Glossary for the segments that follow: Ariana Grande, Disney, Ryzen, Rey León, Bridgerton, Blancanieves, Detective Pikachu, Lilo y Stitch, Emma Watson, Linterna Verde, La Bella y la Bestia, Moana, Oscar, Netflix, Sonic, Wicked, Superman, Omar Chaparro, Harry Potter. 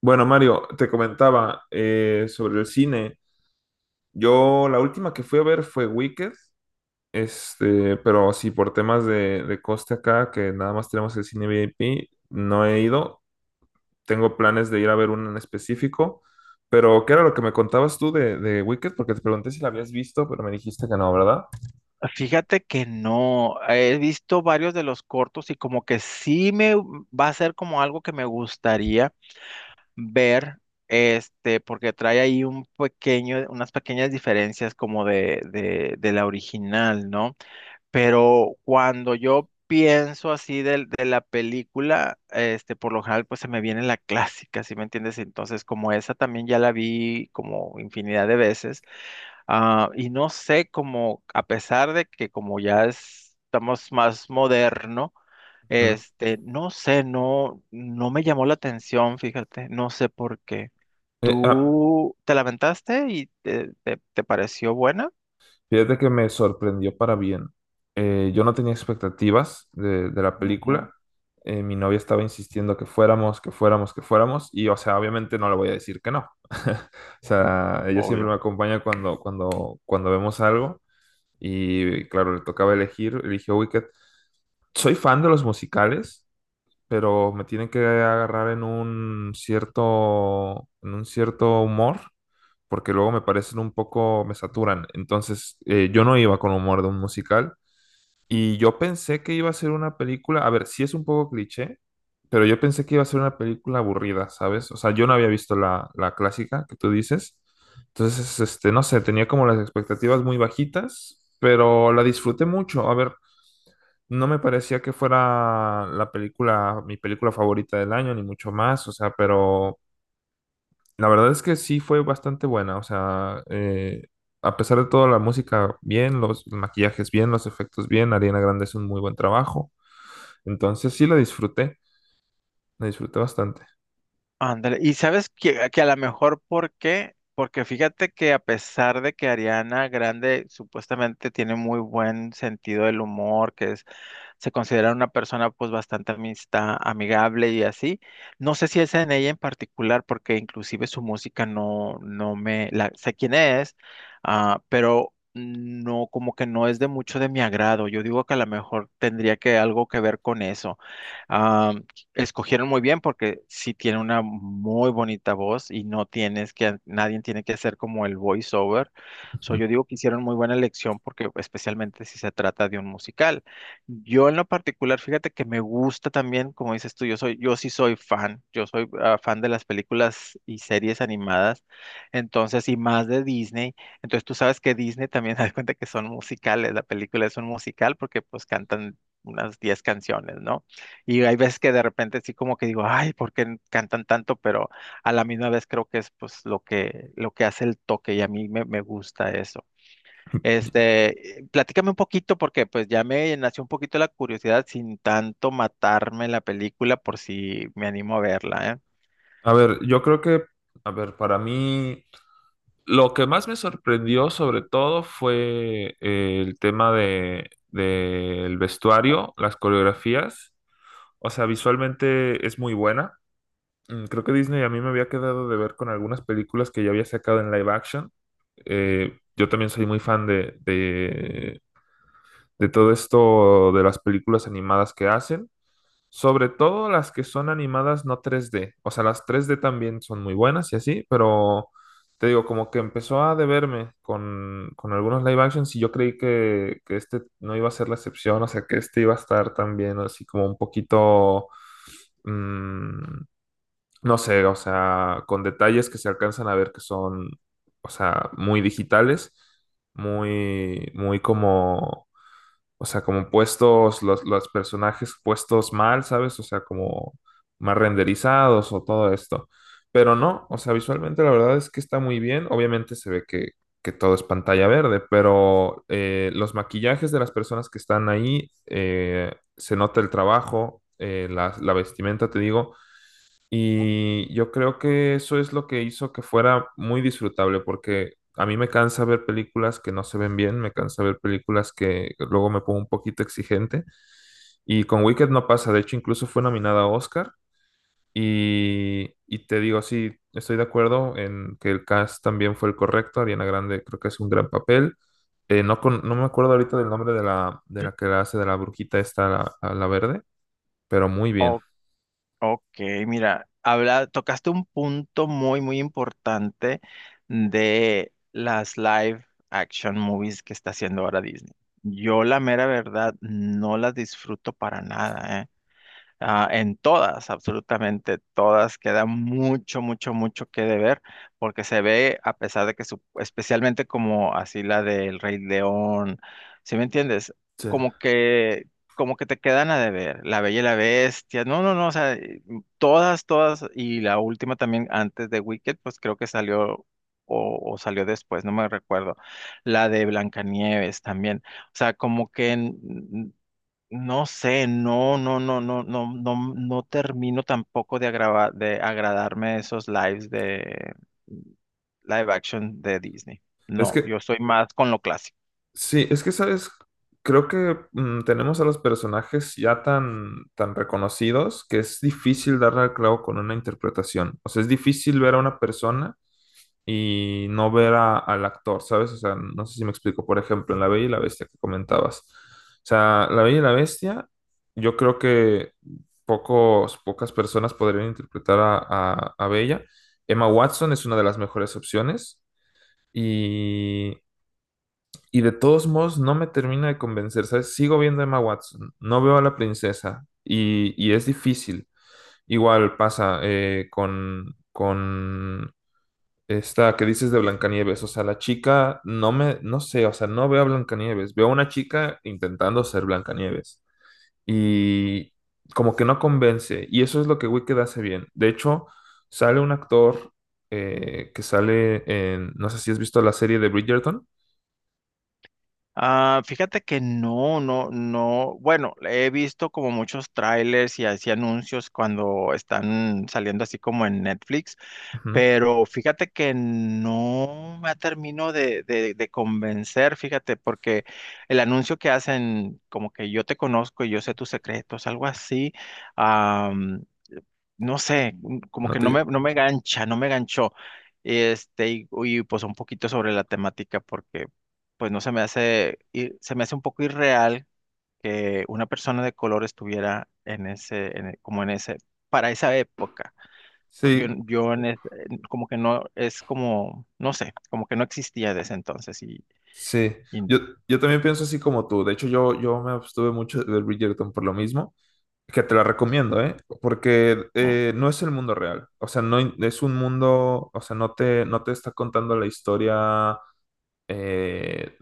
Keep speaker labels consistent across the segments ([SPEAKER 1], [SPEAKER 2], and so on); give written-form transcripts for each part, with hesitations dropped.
[SPEAKER 1] Bueno, Mario, te comentaba sobre el cine. Yo la última que fui a ver fue Wicked, pero así por temas de coste acá, que nada más tenemos el cine VIP, no he ido. Tengo planes de ir a ver uno en específico, pero ¿qué era lo que me contabas tú de Wicked? Porque te pregunté si la habías visto, pero me dijiste que no, ¿verdad?
[SPEAKER 2] Fíjate que no, he visto varios de los cortos y como que sí me va a ser como algo que me gustaría ver, porque trae ahí un pequeño, unas pequeñas diferencias como de la original, ¿no? Pero cuando yo pienso así de la película, por lo general, pues se me viene la clásica, ¿sí me entiendes? Entonces, como esa también ya la vi como infinidad de veces, y no sé, como a pesar de que como ya estamos más moderno,
[SPEAKER 1] Ujú.
[SPEAKER 2] no sé, no me llamó la atención, fíjate, no sé por qué.
[SPEAKER 1] Eh, ah,
[SPEAKER 2] ¿Tú te lamentaste y te pareció buena?
[SPEAKER 1] Fíjate que me sorprendió para bien. Yo no tenía expectativas de la
[SPEAKER 2] Ujú,
[SPEAKER 1] película. Mi novia estaba insistiendo que fuéramos, que fuéramos, que fuéramos. Y, o sea, obviamente no le voy a decir que no. O sea, ella siempre
[SPEAKER 2] obvio.
[SPEAKER 1] me acompaña cuando vemos algo. Y, claro, le tocaba elegir. Eligió Wicked. Soy fan de los musicales, pero me tienen que agarrar en un cierto humor, porque luego me parecen un poco, me saturan. Entonces, yo no iba con humor de un musical, y yo pensé que iba a ser una película, a ver, sí es un poco cliché, pero yo pensé que iba a ser una película aburrida, ¿sabes? O sea, yo no había visto la clásica que tú dices. Entonces, no sé, tenía como las expectativas muy bajitas, pero la disfruté mucho. A ver, no me parecía que fuera la película, mi película favorita del año, ni mucho más, o sea, pero la verdad es que sí fue bastante buena, o sea, a pesar de todo, la música bien, los maquillajes bien, los efectos bien, Ariana Grande es un muy buen trabajo, entonces sí la disfruté bastante.
[SPEAKER 2] Ándale, y sabes que a lo mejor por qué, porque fíjate que a pesar de que Ariana Grande supuestamente tiene muy buen sentido del humor, que es se considera una persona pues bastante amigable y así. No sé si es en ella en particular, porque inclusive su música no, no me, la, sé quién es, pero no, como que no es de mucho de mi agrado. Yo digo que a lo mejor tendría que algo que ver con eso. Ah, escogieron muy bien porque sí tiene una muy bonita voz y no tienes nadie tiene que hacer como el voiceover. So,
[SPEAKER 1] Ujú.
[SPEAKER 2] yo digo que hicieron muy buena elección porque especialmente si se trata de un musical. Yo en lo particular, fíjate que me gusta también, como dices tú, yo sí soy fan, yo soy fan de las películas y series animadas, entonces, y más de Disney, entonces tú sabes que Disney también da cuenta que son musicales, la película es un musical porque pues cantan unas 10 canciones, ¿no? Y hay veces que de repente sí como que digo, ay, ¿por qué cantan tanto? Pero a la misma vez creo que es pues lo que hace el toque y a mí me gusta eso. Platícame un poquito porque pues ya me nació un poquito la curiosidad sin tanto matarme la película por si me animo a verla, ¿eh?
[SPEAKER 1] A ver, yo creo que, a ver, para mí, lo que más me sorprendió sobre todo fue el tema del vestuario, las coreografías, o sea, visualmente es muy buena. Creo que Disney a mí me había quedado de ver con algunas películas que ya había sacado en live action. Yo también soy muy fan de todo esto de las películas animadas que hacen, sobre todo las que son animadas, no tres d. O sea, las tres d también son muy buenas y así, pero te digo, como que empezó a deberme con algunos live actions y yo creí que este no iba a ser la excepción, o sea, que este iba a estar también así como un poquito, mm, no sé, o sea, con detalles que se alcanzan a ver que son, o sea, muy digitales, muy, muy como, o sea, como puestos, los personajes puestos mal, ¿sabes? O sea, como más renderizados o todo esto. Pero no, o sea, visualmente la verdad es que está muy bien. Obviamente se ve que todo es pantalla verde, pero los maquillajes de las personas que están ahí, se nota el trabajo, la vestimenta, te digo, y yo creo que eso es lo que hizo que fuera muy disfrutable, porque a mí me cansa ver películas que no se ven bien, me cansa ver películas que luego me pongo un poquito exigente. Y con Wicked no pasa, de hecho incluso fue nominada a Oscar. Y te digo, sí, estoy de acuerdo en que el cast también fue el correcto, Ariana Grande creo que es un gran papel. No, no me acuerdo ahorita del nombre de la que la hace, de la brujita esta, la verde, pero muy bien.
[SPEAKER 2] Ok, Ok, mira, habla, tocaste un punto muy importante de las live action movies que está haciendo ahora Disney. Yo la mera verdad no las disfruto para nada, ¿eh? Ah, en todas, absolutamente todas, queda mucho, mucho que deber, porque se ve, a pesar de que, especialmente como así la del Rey León, ¿sí me entiendes?
[SPEAKER 1] Sí.
[SPEAKER 2] Como que, como que te quedan a deber, La Bella y la Bestia, no, o sea, todas, y la última también antes de Wicked, pues creo que salió o salió después, no me recuerdo, la de Blancanieves también, o sea, como que no sé, no termino tampoco de agradarme esos lives de live action de Disney.
[SPEAKER 1] Es
[SPEAKER 2] No,
[SPEAKER 1] que,
[SPEAKER 2] yo soy más con lo clásico.
[SPEAKER 1] sí, es que, ¿sabes? Creo que tenemos a los personajes ya tan, tan reconocidos que es difícil darle al clavo con una interpretación. O sea, es difícil ver a una persona y no ver al actor, ¿sabes? O sea, no sé si me explico. Por ejemplo, en La Bella y la Bestia que comentabas. O sea, La Bella y la Bestia, yo creo que pocos, pocas personas podrían interpretar a Bella. Emma Watson es una de las mejores opciones. Y, y de todos modos, no me termina de convencer, ¿sabes? Sigo viendo a Emma Watson, no veo a la princesa y es difícil. Igual pasa con esta que dices de Blancanieves, o sea, la chica, no me, no sé, o sea, no veo a Blancanieves, veo a una chica intentando ser Blancanieves y como que no convence y eso es lo que Wicked hace bien. De hecho, sale un actor que sale en, no sé si has visto la serie de Bridgerton.
[SPEAKER 2] Ah, fíjate que no. Bueno, he visto como muchos trailers y así anuncios cuando están saliendo así como en Netflix.
[SPEAKER 1] Ujú,
[SPEAKER 2] Pero fíjate que no me termino de convencer, fíjate, porque el anuncio que hacen, como que yo te conozco y yo sé tus secretos, algo así, am, no sé, como
[SPEAKER 1] no
[SPEAKER 2] que
[SPEAKER 1] te-
[SPEAKER 2] no me gancha, no me ganchó. Pues un poquito sobre la temática, porque pues no se me hace, se me hace un poco irreal que una persona de color estuviera en ese, como en ese, para esa época. Yo,
[SPEAKER 1] sí,
[SPEAKER 2] yo en es- en- como que no, es como, no sé, como que no existía desde entonces
[SPEAKER 1] sí,
[SPEAKER 2] y-
[SPEAKER 1] yo, yo también pienso así como tú. De hecho, yo me abstuve mucho de Bridgerton por lo mismo, que te la recomiendo, ¿eh? Porque
[SPEAKER 2] mm,
[SPEAKER 1] no es el mundo real. O sea, no in- es un mundo, o sea, no te, no te está contando la historia. eh,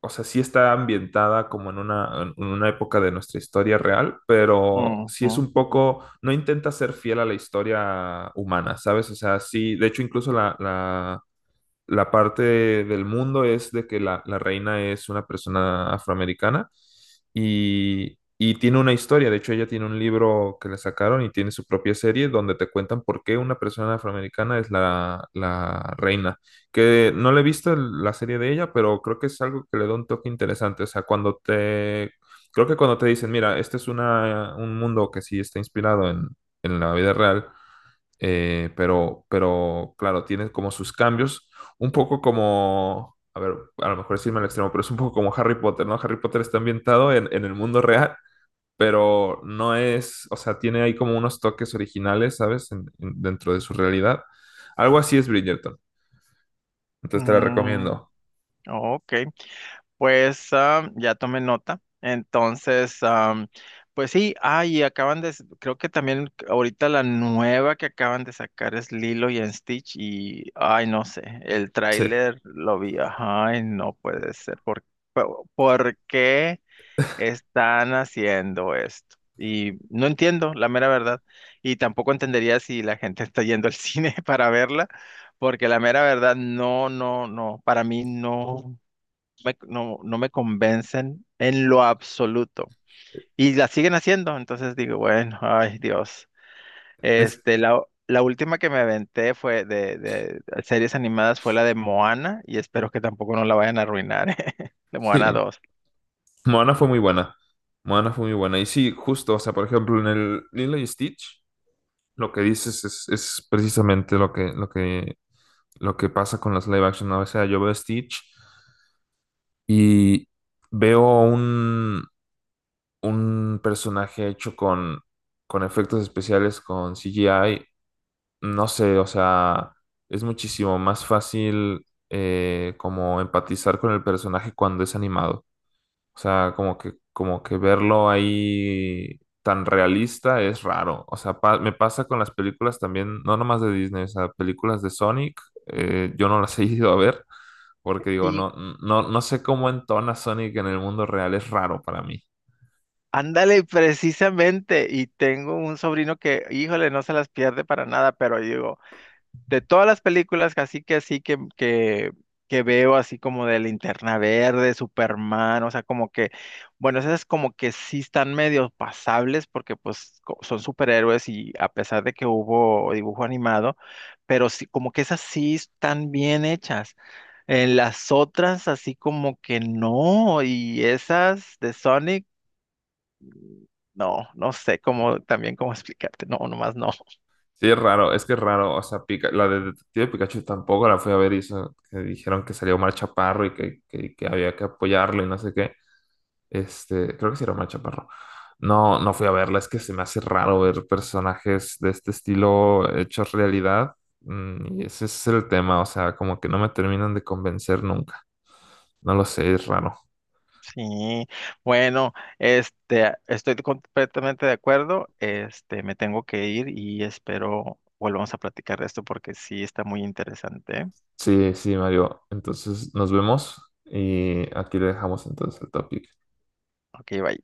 [SPEAKER 1] o sea, sí está ambientada como en una época de nuestra historia real, pero sí
[SPEAKER 2] ujú,
[SPEAKER 1] es un poco, no intenta ser fiel a la historia humana, ¿sabes? O sea, sí, de hecho, incluso la parte del mundo es de que la reina es una persona afroamericana y tiene una historia. De hecho, ella tiene un libro que le sacaron y tiene su propia serie donde te cuentan por qué una persona afroamericana es la reina. Que no le he visto la serie de ella, pero creo que es algo que le da un toque interesante. O sea, cuando te... Creo que cuando te dicen, mira, este es una, un mundo que sí está inspirado en la vida real. Pero claro, tiene como sus cambios, un poco como, a ver, a lo mejor es irme al extremo, pero es un poco como Harry Potter, ¿no? Harry Potter está ambientado en el mundo real, pero no es, o sea, tiene ahí como unos toques originales, ¿sabes? Dentro de su realidad. Algo así es Bridgerton, entonces te la
[SPEAKER 2] mm, mm,
[SPEAKER 1] recomiendo.
[SPEAKER 2] ok, pues ah, ya tomé nota. Entonces, pues sí, ah, y acaban de, creo que también ahorita la nueva que acaban de sacar es Lilo y Stitch y, ay, no sé, el
[SPEAKER 1] Sí,
[SPEAKER 2] tráiler lo vi, ay, no puede ser, ¿ por qué están haciendo esto? Y no entiendo, la mera verdad. Y tampoco entendería si la gente está yendo al cine para verla, porque la mera verdad, no, para mí no me convencen en lo absoluto. Y la siguen haciendo, entonces digo, bueno, ay Dios.
[SPEAKER 1] es,
[SPEAKER 2] Este, la, la última que me aventé fue de series animadas fue la de Moana, y espero que tampoco no la vayan a arruinar, de Moana
[SPEAKER 1] sí.
[SPEAKER 2] 2.
[SPEAKER 1] Moana fue muy buena. Moana fue muy buena. Y sí, justo, o sea, por ejemplo, en el Lilo y Stitch, lo que dices es precisamente lo que, lo que lo que pasa con las live action, ¿no? O sea, yo veo Stitch y veo un personaje hecho con efectos especiales, con CGI. No sé, o sea, es muchísimo más fácil, como empatizar con el personaje cuando es animado. O sea, como que verlo ahí tan realista es raro. O sea, me pasa con las películas también, no nomás de Disney, o sea, películas de Sonic, yo no las he ido a ver porque digo, no, no, no sé cómo entona Sonic en el mundo real, es raro para mí.
[SPEAKER 2] Ándale, precisamente, y tengo un sobrino que, híjole, no se las pierde para nada, pero digo, de todas las películas, que veo, así como de Linterna Verde, Superman, o sea, como que, bueno, esas como que sí están medio pasables, porque pues son superhéroes y a pesar de que hubo dibujo animado, pero sí, como que esas sí están bien hechas. En las otras, así como que no, y esas de Sonic. No, no sé cómo también cómo explicarte. No, nomás no.
[SPEAKER 1] Sí, es raro, es que es raro. O sea, la de Detective Pikachu tampoco la fui a ver y eso, que dijeron que salió Omar Chaparro y que, que había que apoyarlo y no sé qué. Este, creo que sí era Omar Chaparro. No, no fui a verla, es que se me hace raro ver personajes de este estilo hechos realidad. Y ese es el tema, o sea, como que no me terminan de convencer nunca. No lo sé, es raro.
[SPEAKER 2] Sí. Bueno, estoy completamente de acuerdo. Me tengo que ir y espero volvamos a platicar de esto porque sí está muy interesante, ¿eh?
[SPEAKER 1] Sí, sí, Mario. Entonces nos vemos y aquí le dejamos entonces el topic.
[SPEAKER 2] Ok, bye.